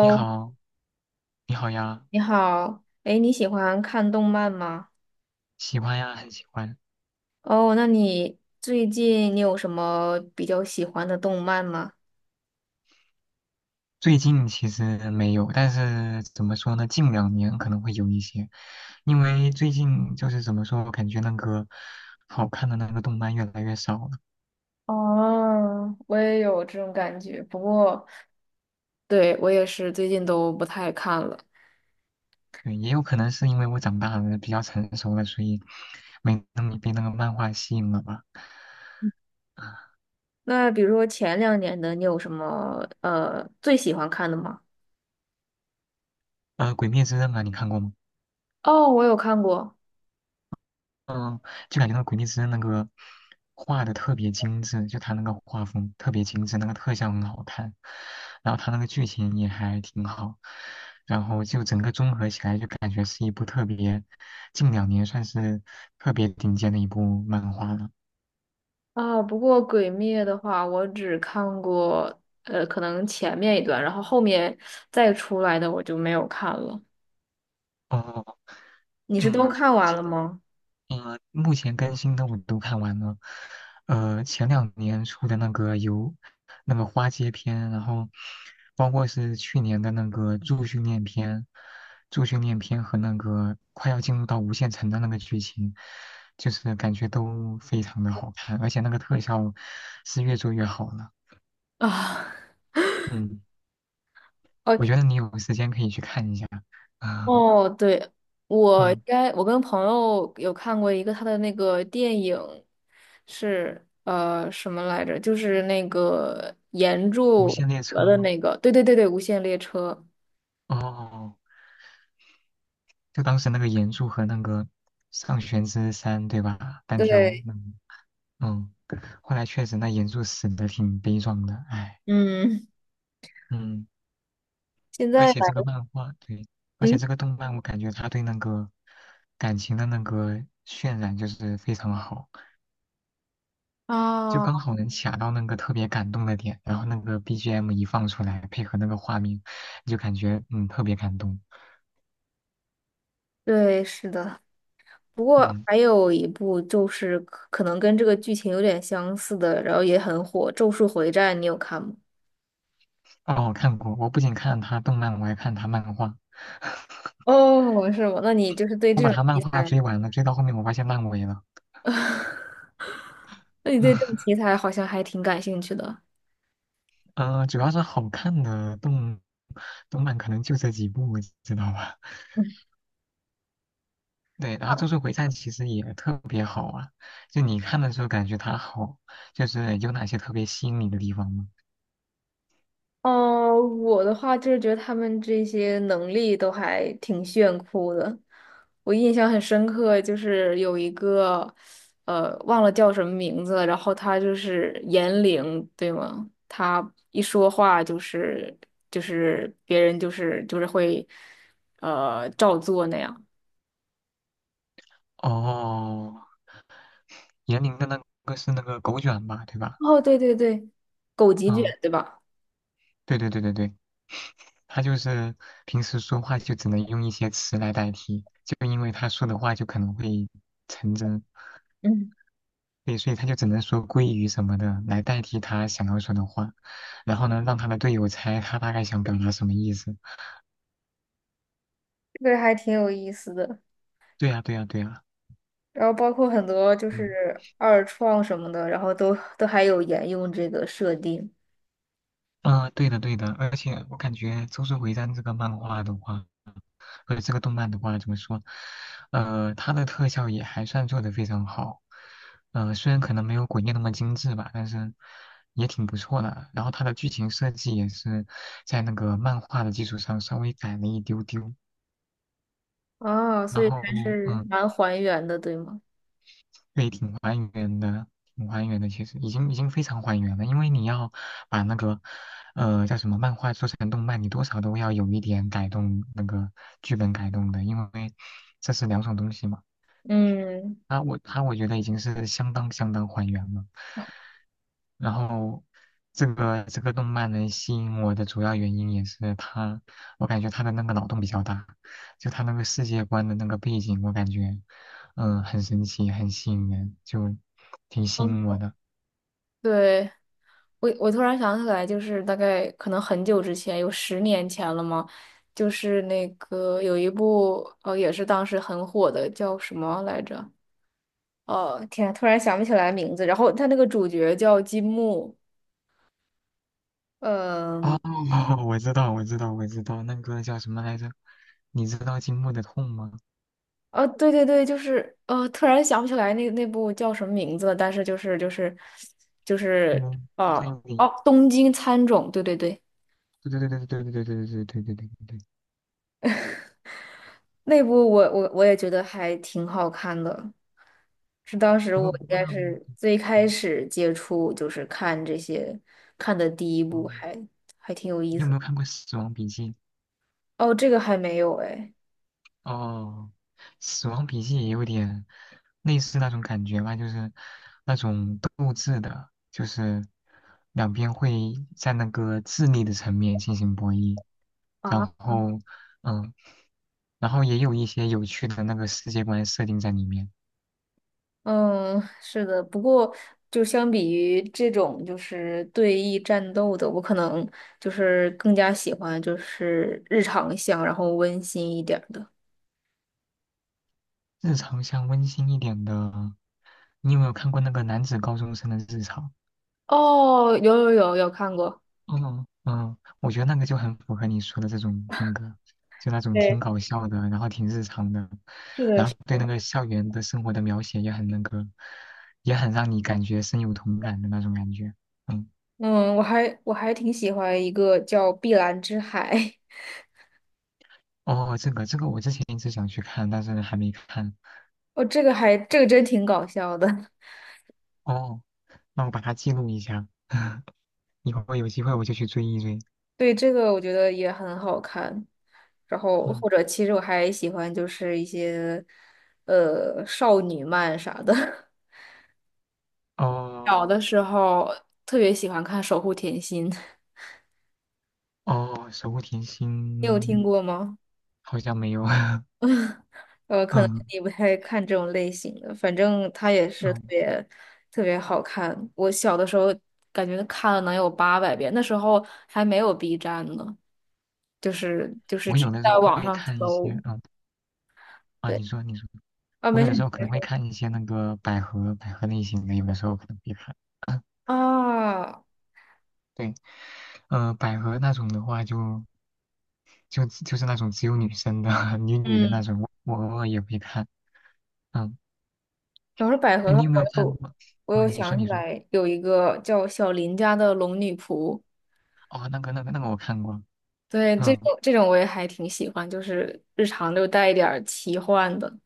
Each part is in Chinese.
你 好，你好呀，你好。哎，你喜欢看动漫吗？喜欢呀，很喜欢。哦，那你最近有什么比较喜欢的动漫吗？最近其实没有，但是怎么说呢？近两年可能会有一些，因为最近就是怎么说，我感觉那个好看的那个动漫越来越少了。哦，我也有这种感觉，不过对，我也是最近都不太看了。对，也有可能是因为我长大了，比较成熟了，所以没那么被那个漫画吸引了吧。啊那比如说前2年的，你有什么最喜欢看的吗？《鬼灭之刃》啊，你看过吗？哦，我有看过就感觉那个《鬼灭之刃那个画的特别精致，就他那个画风特别精致，那个特效很好看，然后他那个剧情也还挺好，然后就整个综合起来就感觉是一部特别近两年算是特别顶尖的一部漫画了。啊，不过《鬼灭》的话，我只看过可能前面一段，然后后面再出来的我就没有看了。哦，你是都嗯，看我完记了得吗？目前更新的我都看完了。前两年出的那个游，那个花街篇，然后包括是去年的那个助训练篇，助训练篇和那个快要进入到无限城的那个剧情，就是感觉都非常的好看，而且那个特效是越做越好了。啊，嗯，哦我觉得你有时间可以去看一下。啊、哦，对，我应嗯，该我跟朋友有看过一个他的那个电影，是什么来着？就是那个岩无柱限列和车的吗？那个，对对对对，《无限列车》。哦。就当时那个岩柱和那个上弦之山，对吧？单挑，对，嗯嗯，后来确实那岩柱死的挺悲壮的，唉，嗯，嗯，现而在 且这个来漫画，对，而且嗯这个动漫，我感觉他对那个感情的那个渲染就是非常好，就啊，刚好能卡到那个特别感动的点，然后那个 BGM 一放出来，配合那个画面，就感觉特别感动，对，是的。不过嗯，还有一部就是可能跟这个剧情有点相似的，然后也很火，《咒术回战》，你有看吗？哦，我看过，我不仅看他动漫，我还看他漫画。哦，是吗？那你就是对我这把种他漫题画材。追完了，追到后面我发现烂尾了。那你对这种题 材好像还挺感兴趣的。主要是好看的动漫可能就这几部，知道吧？对，然后《咒术回战》其实也特别好啊，就你看的时候感觉它好，就是有哪些特别吸引你的地方吗？哦，我的话就是觉得他们这些能力都还挺炫酷的。我印象很深刻，就是有一个，忘了叫什么名字了，然后他就是言灵，对吗？他一说话就是别人就是会，照做那样。哦，言灵的那个是那个狗卷吧，对吧？哦，对对对，狗急卷，嗯，对吧？对对对对对，他就是平时说话就只能用一些词来代替，就因为他说的话就可能会成真，嗯，对，所以他就只能说鲑鱼什么的来代替他想要说的话，然后呢，让他的队友猜他大概想表达什么意思。这个还挺有意思的。对呀，对呀，对呀，然后包括很多就嗯，是二创什么的，然后都还有沿用这个设定对的，对的，而且我感觉《周术回战》这个漫画的话，或者这个动漫的话，怎么说？它的特效也还算做得非常好，虽然可能没有《鬼灭》那么精致吧，但是也挺不错的。然后它的剧情设计也是在那个漫画的基础上稍微改了一丢丢。啊，所然以后，还是嗯、蛮还原的，对吗？对，挺还原的，挺还原的。其实已经非常还原了，因为你要把那个，叫什么漫画做成动漫，你多少都要有一点改动那个剧本改动的，因为这是两种东西嘛。嗯，他我他我觉得已经是相当相当还原了。然后这个动漫能吸引我的主要原因也是它，我感觉它的那个脑洞比较大，就它那个世界观的那个背景，我感觉很神奇，很吸引人，就挺吸引我嗯的。对，我突然想起来，就是大概可能很久之前，有10年前了嘛，就是那个有一部哦，也是当时很火的，叫什么来着？哦，天，突然想不起来名字。然后他那个主角叫金木，嗯。哦，我知道，我知道，我知道，那个叫什么来着？你知道《金木的痛》吗？对对对，就是突然想不起来那部叫什么名字了，但是就是嗯好呃像有点，哦，东京喰种，对对对，对对对对对对对对对对对对对对。那部我也觉得还挺好看的，是当时不过我应不过该那个，是最开嗯始接触就是看这些看的第一部嗯，还挺有意你有没思。有看过《死亡笔记》？哦，这个还没有哎。哦，死亡笔记也有点类似那种感觉吧，就是那种斗智的，就是两边会在那个智力的层面进行博弈，然后，嗯，然后也有一些有趣的那个世界观设定在里面。嗯，是的，不过就相比于这种就是对弈战斗的，我可能就是更加喜欢就是日常向，然后温馨一点儿的。日常像温馨一点的，你有没有看过那个男子高中生的日常？哦，有看过，嗯嗯，我觉得那个就很符合你说的这种风格，就那种挺对，搞笑的，然后挺日常的，是的，然是后对那的。个校园的生活的描写也很那个，也很让你感觉深有同感的那种感觉。嗯，嗯，我还挺喜欢一个叫《碧蓝之海》，哦，这个我之前一直想去看，但是还没看。哦，这个还这个真挺搞笑的，哦，那我把它记录一下，以后有机会我就去追一追。对，这个我觉得也很好看。然后嗯，或者其实我还喜欢就是一些少女漫啥的。小哦的时候特别喜欢看《守护甜心》，哦，守护甜 你有听心过吗？好像没有。可能嗯你不太看这种类型的，反正它也是特嗯，别特别好看。我小的时候感觉看了能有800遍，那时候还没有 B 站呢，就是我只有的时在候网会上看一些，搜。嗯。啊，对，你说你说，啊，我没有事，的时你候可能别会说看一些那个百合类型的，有的时候可能会看。啊。啊。对，百合那种的话就，就是那种只有女生的 女女的那嗯，种，我偶尔也会看。嗯，要是百合哎，的你话，有没有我看有过？我哦，有你说想起你说，来有一个叫小林家的龙女仆。哦，那个我看过。对，这嗯，种这种我也还挺喜欢，就是日常就带一点儿奇幻的。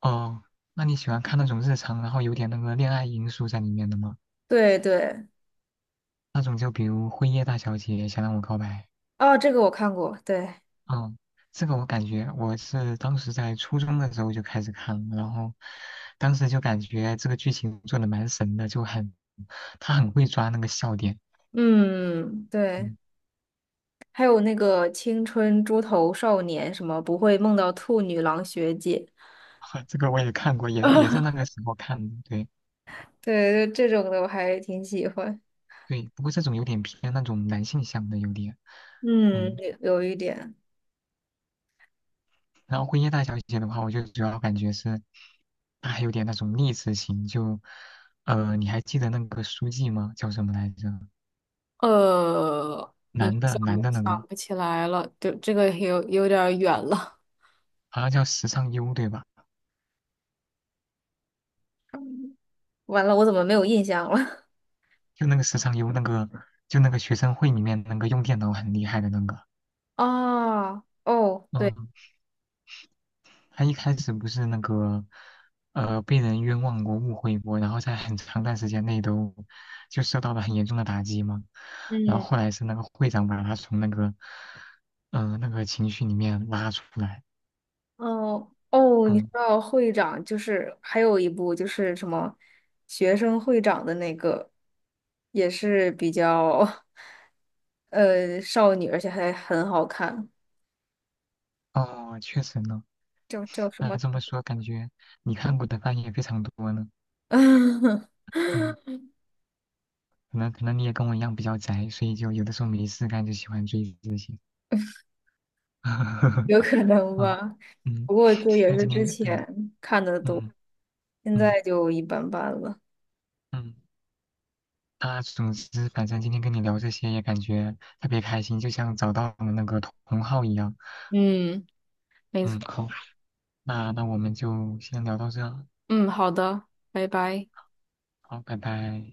哦，那你喜欢看那种日常，然后有点那个恋爱因素在里面的吗？对对，那种就比如《辉夜大小姐想让我告白》。哦，这个我看过，对，嗯，这个我感觉我是当时在初中的时候就开始看了，然后当时就感觉这个剧情做的蛮神的，他很会抓那个笑点。嗯，对，嗯，还有那个《青春猪头少年》，什么不会梦到兔女郎学姐，这个我也看过，也是那 个时候看的。对对，就这种的我还挺喜欢。对，不过这种有点偏那种男性向的有点。嗯，嗯，有一点，然后《辉夜大小姐》的话，我就主要感觉是她还有点那种励志型，你还记得那个书记吗？叫什么来着？呃，你男的，想男不的那个想不起来了？就这个有点儿远了。好像叫时尚优，对吧？完了，我怎么没有印象了？就那个时常有那个，就那个学生会里面那个用电脑很厉害的那个，哦哦，对，嗯，他一开始不是那个，被人冤枉过、误会过，然后在很长段时间内都就受到了很严重的打击嘛，然嗯。后后来是那个会长把他从那个，那个情绪里面拉出来，哦哦，你知嗯，道会长就是还有一部就是什么学生会长的那个，也是比较少女，而且还很好看，哦，确实呢，叫什那么？这么说感觉你看过的番也非常多呢，嗯，可能你也跟我一样比较宅，所以就有的时候没事干就喜欢追这些。有可能啊，吧，嗯，不过这也那是今之天对，前看的多，嗯现嗯在就一般般了。嗯，那总之，反正今天跟你聊这些也感觉特别开心，就像找到了那个同号一样。嗯，没错。嗯，好，那我们就先聊到这，嗯，好的，拜拜。好，拜拜。